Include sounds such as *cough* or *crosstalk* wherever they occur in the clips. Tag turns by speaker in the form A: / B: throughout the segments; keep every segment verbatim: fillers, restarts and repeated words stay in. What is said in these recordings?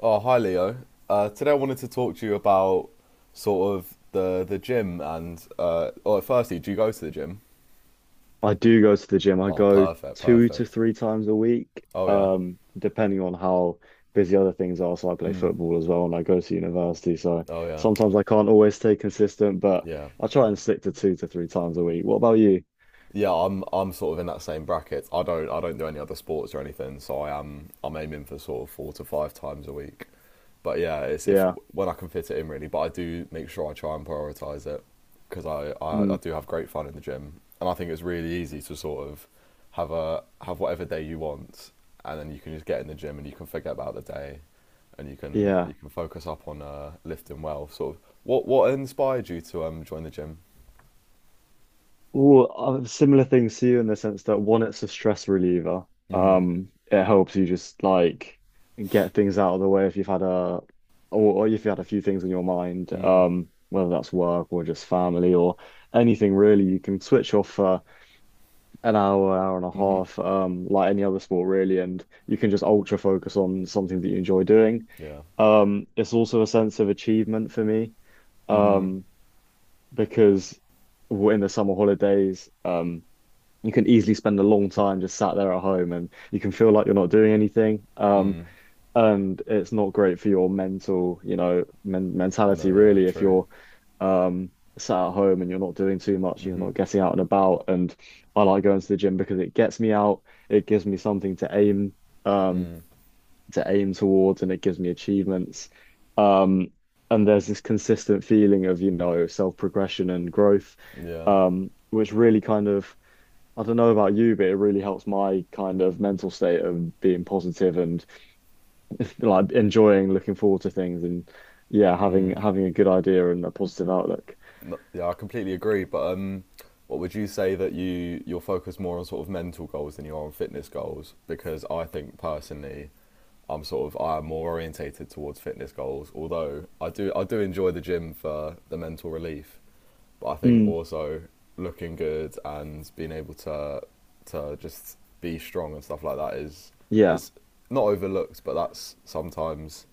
A: Oh, hi Leo. Uh, today I wanted to talk to you about sort of the the gym and uh oh, firstly, do you go to the gym?
B: I do go to the gym. I
A: Oh,
B: go
A: perfect,
B: two to
A: perfect.
B: three times a week,
A: Oh yeah.
B: um, depending on how busy other things are. So I play football as well, and I go to university. So
A: Oh yeah.
B: sometimes I can't always stay consistent, but
A: Yeah.
B: I try and stick to two to three times a week. What about you?
A: Yeah, I'm I'm sort of in that same bracket. I don't I don't do any other sports or anything, so I am I'm aiming for sort of four to five times a week. But yeah, it's if
B: Yeah.
A: when I can fit it in really. But I do make sure I try and prioritize it because I, I I
B: Mm,
A: do have great fun in the gym, and I think it's really easy to sort of have a have whatever day you want, and then you can just get in the gym and you can forget about the day, and you can
B: yeah.
A: you can focus up on uh, lifting well. Sort of what what inspired you to um join the gym?
B: Well, uh, similar things to you in the sense that one, it's a stress reliever. Um, it helps you just like get things out of the way if you've had a or, or if you had a few things on your mind, um, whether that's work or just family or anything really, you can switch off for an hour, hour and a half, um, like any other sport really, and you can just ultra focus on something that you enjoy doing.
A: Yeah,
B: Um, it's also a sense of achievement for me, um, because we in the summer holidays. Um, you can easily spend a long time just sat there at home and you can feel like you're not doing anything, um and it's not great for your mental, you know, men
A: no,
B: mentality
A: yeah,
B: really if
A: true.
B: you're um sat at home and you're not doing too much, you're not getting out and about. And I like going to the gym because it gets me out, it gives me something to aim, um to aim towards, and it gives me achievements, um and there's this consistent feeling of, you know, self progression and growth,
A: Yeah,
B: um which really kind of, I don't know about you, but it really helps my kind of mental state of being positive and like enjoying looking forward to things. And yeah, having having a good idea and a positive outlook.
A: No- yeah, I completely agree. But um, what would you say that you you're focused more on sort of mental goals than you are on fitness goals? Because I think personally, I'm sort of I am more orientated towards fitness goals. Although I do I do enjoy the gym for the mental relief, but I think
B: Mm,
A: also looking good and being able to to just be strong and stuff like that is
B: yeah,
A: is not overlooked, but that's sometimes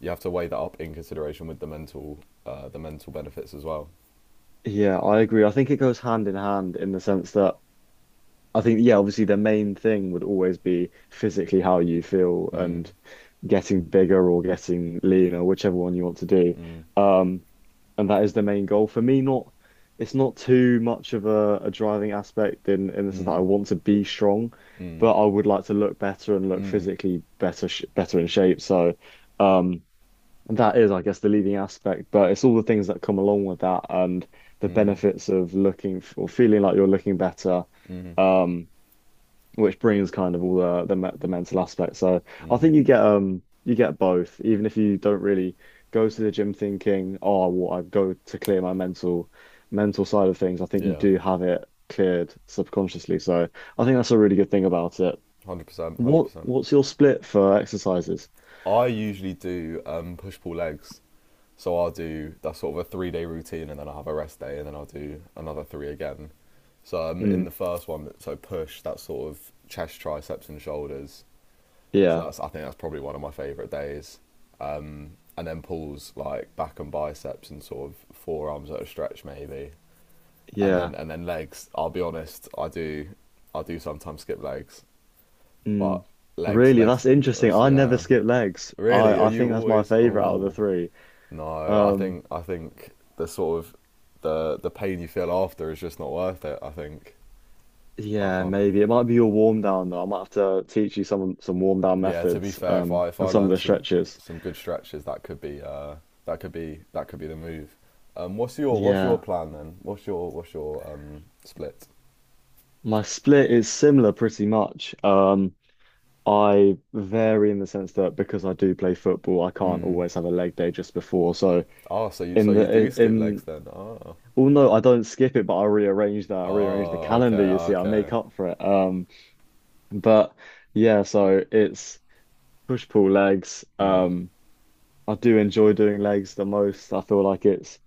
A: you have to weigh that up in consideration with the mental uh, the mental benefits as well.
B: yeah, I agree. I think it goes hand in hand in the sense that I think, yeah, obviously the main thing would always be physically how you feel
A: Mm,
B: and getting bigger or getting leaner, whichever one you want to do.
A: mm,
B: Um, and that is the main goal. For me, not it's not too much of a, a driving aspect in in the sense that
A: mm,
B: I want to be strong,
A: mm,
B: but I would like to look better and look
A: mm,
B: physically better sh better in shape. So, um, that is, I guess, the leading aspect, but it's all the things that come along with that and the
A: mm,
B: benefits of looking f- or feeling like you're looking better.
A: mm.
B: Um, which brings kind of all the, the me- the mental aspect. So I think you get, um you get both, even if you don't really go to the gym thinking, oh, well, I go to clear my mental mental side of things. I think you
A: Yeah, one
B: do have it cleared subconsciously. So I think that's a really good thing about it.
A: hundred percent, one hundred
B: What
A: percent.
B: what's your split for exercises?
A: I usually do um, push pull legs, so I'll do that's sort of a three day routine, and then I'll have a rest day, and then I'll do another three again. So um, in
B: Mm,
A: the first one, so push that's sort of chest, triceps, and shoulders. So
B: yeah,
A: that's I think that's probably one of my favourite days. Um, and then pulls like back and biceps and sort of forearms at a stretch maybe, and
B: yeah.
A: then and then legs. I'll be honest, I do I do sometimes skip legs, but
B: Mm.
A: legs
B: Really,
A: legs
B: that's interesting.
A: that's-
B: I never
A: yeah.
B: skip legs. I
A: Really, are
B: I
A: you
B: think that's my
A: always?
B: favorite out of the
A: Oh
B: three.
A: no, I
B: Um.
A: think I think the sort of the the pain you feel after is just not worth it. I think I
B: Yeah,
A: can't.
B: maybe it might be your warm down though. I might have to teach you some some warm down
A: Yeah, to be
B: methods,
A: fair, if
B: um
A: I if I
B: and some of
A: learn
B: the
A: some
B: stretches.
A: some good stretches, that could be uh that could be that could be the move. Um, what's your what's your
B: Yeah,
A: plan then? What's your what's your um split?
B: my split is similar pretty much. Um, I vary in the sense that because I do play football, I can't always have a leg day just before. So
A: Oh, so you so
B: in
A: you
B: the
A: do
B: in,
A: skip legs
B: in
A: then? Oh,
B: well, no, I don't skip it, but I rearrange that. I rearrange the
A: oh, okay,
B: calendar. You see, I
A: okay,
B: make up for it. Um, but yeah, so it's push pull legs. Um, I do enjoy doing legs the most. I feel like it's,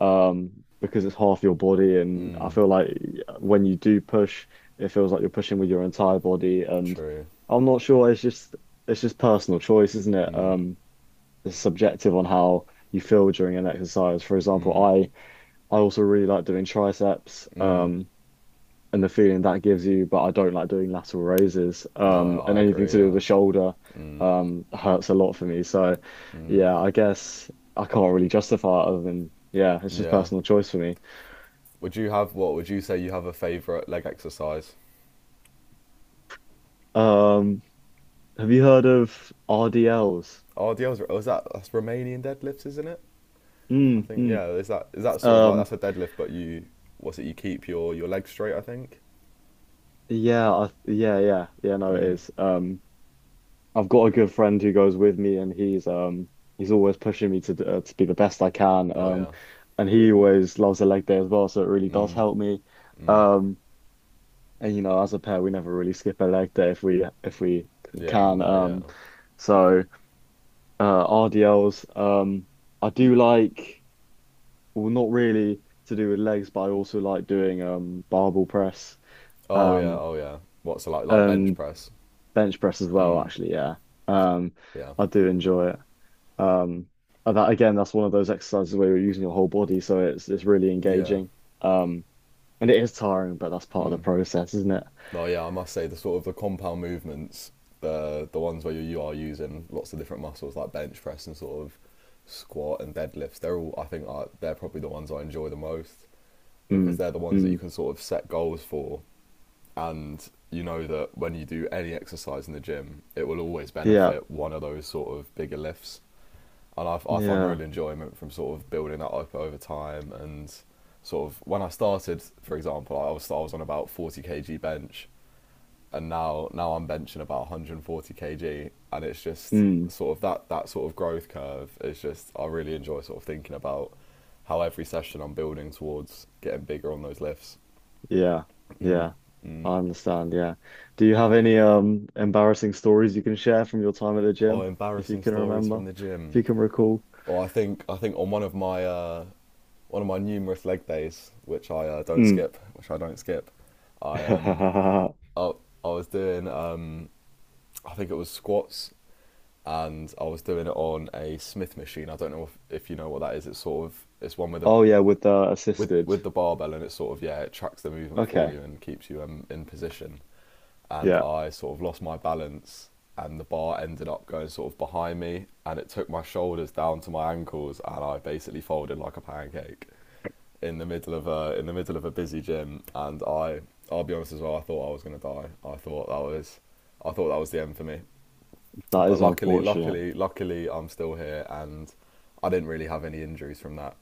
B: um, because it's half your body. And I feel like when you do push, it feels like you're pushing with your entire body. And
A: true.
B: I'm not sure. It's just it's just personal choice, isn't it?
A: Mm,
B: Um, it's subjective on how you feel during an exercise. For example,
A: mm,
B: I I also really like doing triceps.
A: mm.
B: Um. And the feeling that gives you, but I don't like doing lateral raises.
A: No,
B: Um, and
A: I
B: anything
A: agree.
B: to do with
A: Yeah.
B: the shoulder,
A: Mm,
B: um, hurts a lot for me. So,
A: mm.
B: yeah, I guess I can't really justify it other than, yeah, it's just
A: Yeah.
B: personal choice for me.
A: Would you have what? Would you say you have a favorite leg exercise?
B: Um, have you heard of R D Ls?
A: Oh, the other was that that's Romanian deadlifts, isn't it? I
B: Mm,
A: think
B: mm.
A: yeah, is that is that sort of like
B: Um,
A: that's a deadlift, but you what's it? You keep your your legs straight, I think.
B: yeah, I, yeah, yeah, yeah. No, it
A: Mm.
B: is. Um. I've got a good friend who goes with me, and he's, um he's always pushing me to d- uh, to be the best I can.
A: Oh
B: Um,
A: yeah.
B: and he always loves a leg day as well, so it really does
A: Mm.
B: help me.
A: Mm.
B: Um, and you know, as a pair, we never really skip a leg day if we if we c-
A: Yeah.
B: can.
A: No. Yeah.
B: Um, so uh, R D Ls. Um, I do like, well, not really to do with legs, but I also like doing, um barbell press,
A: Oh yeah.
B: um
A: Oh yeah. What's it like like bench
B: and
A: press?
B: bench press as well,
A: Mm.
B: actually, yeah. Um
A: Yeah.
B: I do enjoy it. Um and that again, that's one of those exercises where you're using your whole body, so it's it's really
A: Yeah.
B: engaging. Um and it is tiring, but that's part of the process, isn't it?
A: No. Yeah. I must say the sort of the compound movements, the the ones where you, you are using lots of different muscles like bench press and sort of squat and deadlifts. They're all I think are, they're probably the ones I enjoy the most because
B: Mm,
A: they're the ones that you
B: mm,
A: can sort of set goals for and you know that when you do any exercise in the gym, it will always
B: yeah,
A: benefit one of those sort of bigger lifts. And I, I find
B: yeah.
A: real enjoyment from sort of building that up over time. And sort of when I started, for example, I was I was on about forty k g bench, and now now I'm benching about one hundred and forty kilos, and it's just
B: Mm.
A: sort of that that sort of growth curve is just I really enjoy sort of thinking about how every session I'm building towards getting bigger on those lifts.
B: Yeah, yeah, I understand. Yeah. Do you have any um embarrassing stories you can share from your time at the
A: Oh,
B: gym, if you
A: embarrassing
B: can
A: stories
B: remember,
A: from the
B: if
A: gym.
B: you can recall?
A: Or I think I think on one of my uh, one of my numerous leg days, which I uh, don't
B: Mm.
A: skip, which I don't skip, I um
B: *laughs*
A: I, I was doing um I think it was squats and I was doing it on a Smith machine. I don't know if, if you know what that is. It's sort of it's one with a
B: Oh yeah, with the
A: with
B: assisted.
A: with the barbell and it's sort of yeah it tracks the movement for
B: Okay.
A: you and keeps you um, in position and
B: Yeah,
A: I sort of lost my balance and the bar ended up going sort of behind me and it took my shoulders down to my ankles and I basically folded like a pancake in the middle of a in the middle of a busy gym and I I'll be honest as well I thought I was going to die. I thought that was I thought that was the end for me.
B: that
A: But
B: is
A: luckily
B: unfortunate.
A: luckily luckily I'm still here and I didn't really have any injuries from that,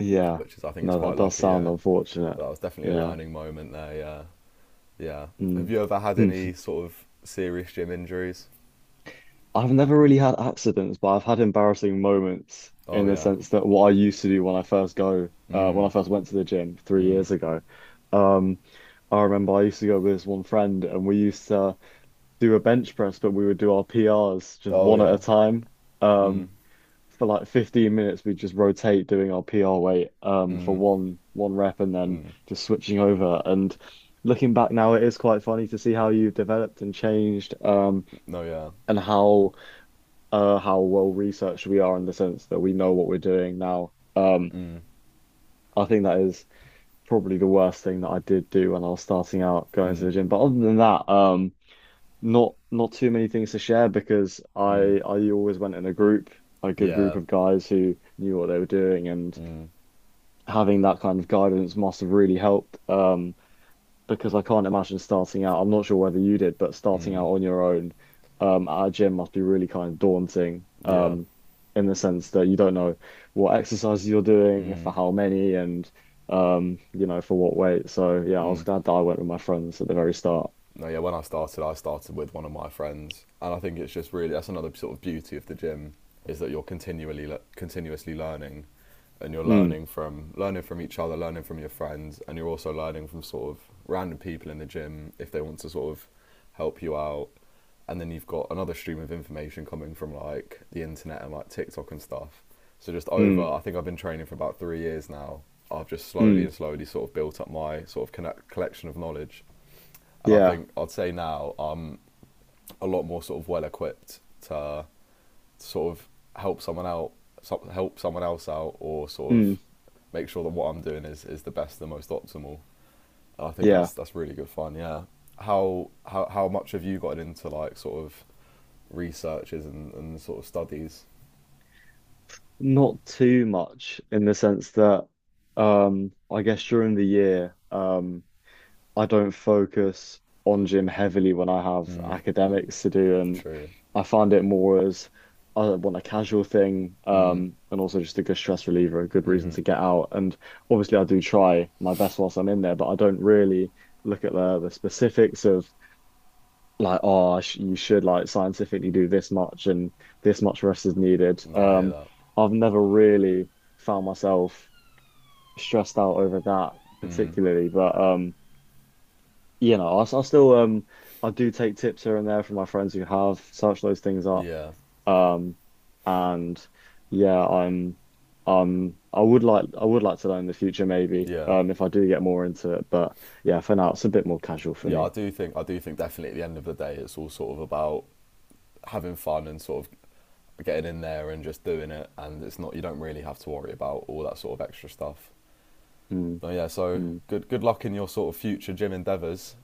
B: Yeah.
A: which is I think it's
B: No, that
A: quite
B: does
A: lucky,
B: sound
A: yeah.
B: unfortunate.
A: But that was definitely a
B: Yeah.
A: learning moment there, yeah. Yeah. Have
B: Mm.
A: you ever had
B: *laughs*
A: any sort of serious gym injuries?
B: I've never really had accidents, but I've had embarrassing moments
A: Oh
B: in the
A: yeah.
B: sense that what I used to do when I first go, uh, when I
A: Mm.
B: first went to the gym three
A: Mm.
B: years ago, um, I remember I used to go with this one friend and we used to do a bench press, but we would do our P Rs just
A: Oh
B: one at a
A: yeah.
B: time.
A: Mm.
B: Um, for like fifteen minutes, we'd just rotate doing our P R weight, um, for
A: Mm.
B: one one rep and then just switching over. And looking back now, it is quite funny to see how you have developed and changed, um,
A: No yeah.
B: and how uh, how well researched we are in the sense that we know what we're doing now. Um, I think that is probably the worst thing that I did do when I was starting out going to the gym. But other than that, um, not not too many things to share because I I always went in a group, a good group
A: Yeah.
B: of guys who knew what they were doing, and
A: Mm.
B: having that kind of guidance must have really helped. Um, because I can't imagine starting out. I'm not sure whether you did, but starting
A: Mm.
B: out on your own, um, at a gym must be really kind of daunting,
A: Yeah.
B: um, in the sense that you don't know what exercises you're doing, for
A: Mm.
B: how many, and, um, you know, for what weight. So yeah, I was
A: Mm.
B: glad that I went with my friends at the very start.
A: No, yeah, when I started, I started with one of my friends, and I think it's just really that's another sort of beauty of the gym is that you're continually le- continuously learning, and you're
B: Mm,
A: learning from learning from each other, learning from your friends, and you're also learning from sort of random people in the gym if they want to sort of help you out, and then you've got another stream of information coming from like the internet and like TikTok and stuff. So just over,
B: mm,
A: I think I've been training for about three years now. I've just slowly
B: mm,
A: and slowly sort of built up my sort of connect- collection of knowledge and I
B: yeah,
A: think I'd say now I'm a lot more sort of well equipped to sort of help someone out, so- help someone else out, or sort
B: mm,
A: of make sure that what I'm doing is, is the best, the most optimal. And I think
B: yeah.
A: that's that's really good fun. Yeah. How how how much have you gotten into like sort of researches and, and sort of studies?
B: Not too much in the sense that, um, I guess during the year, um, I don't focus on gym heavily when I have academics to do, and
A: True.
B: I find it more as I want a casual thing, um, and also just a good stress reliever, a good reason to get out. And obviously, I do try my best whilst I'm in there, but I don't really look at the the specifics of like, oh, I sh you should like scientifically do this much and this much rest is needed.
A: No, I hear
B: Um,
A: that.
B: I've never really found myself stressed out over that
A: Mm.
B: particularly, but um you know, I I still, um I do take tips here and there from my friends who have searched those things up.
A: Yeah.
B: Um and yeah, I'm, um I would like I would like to learn in the future maybe,
A: Yeah.
B: um if I do get more into it. But yeah, for now it's a bit more casual for
A: Yeah, I
B: me.
A: do think I do think definitely at the end of the day it's all sort of about having fun and sort of getting in there and just doing it, and it's not you don't really have to worry about all that sort of extra stuff.
B: Mm,
A: So yeah, so
B: mm.
A: good good luck in your sort of future gym endeavours.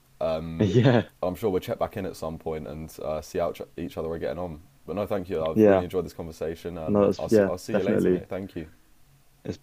B: *laughs*
A: Um,
B: Yeah,
A: I'm sure we'll check back in at some point and uh, see how each other are getting on. But no, thank you. I've really
B: yeah.
A: enjoyed this conversation.
B: No,
A: Um,
B: it's
A: I'll see
B: yeah,
A: I'll see you later,
B: definitely.
A: mate. Thank you.
B: It's.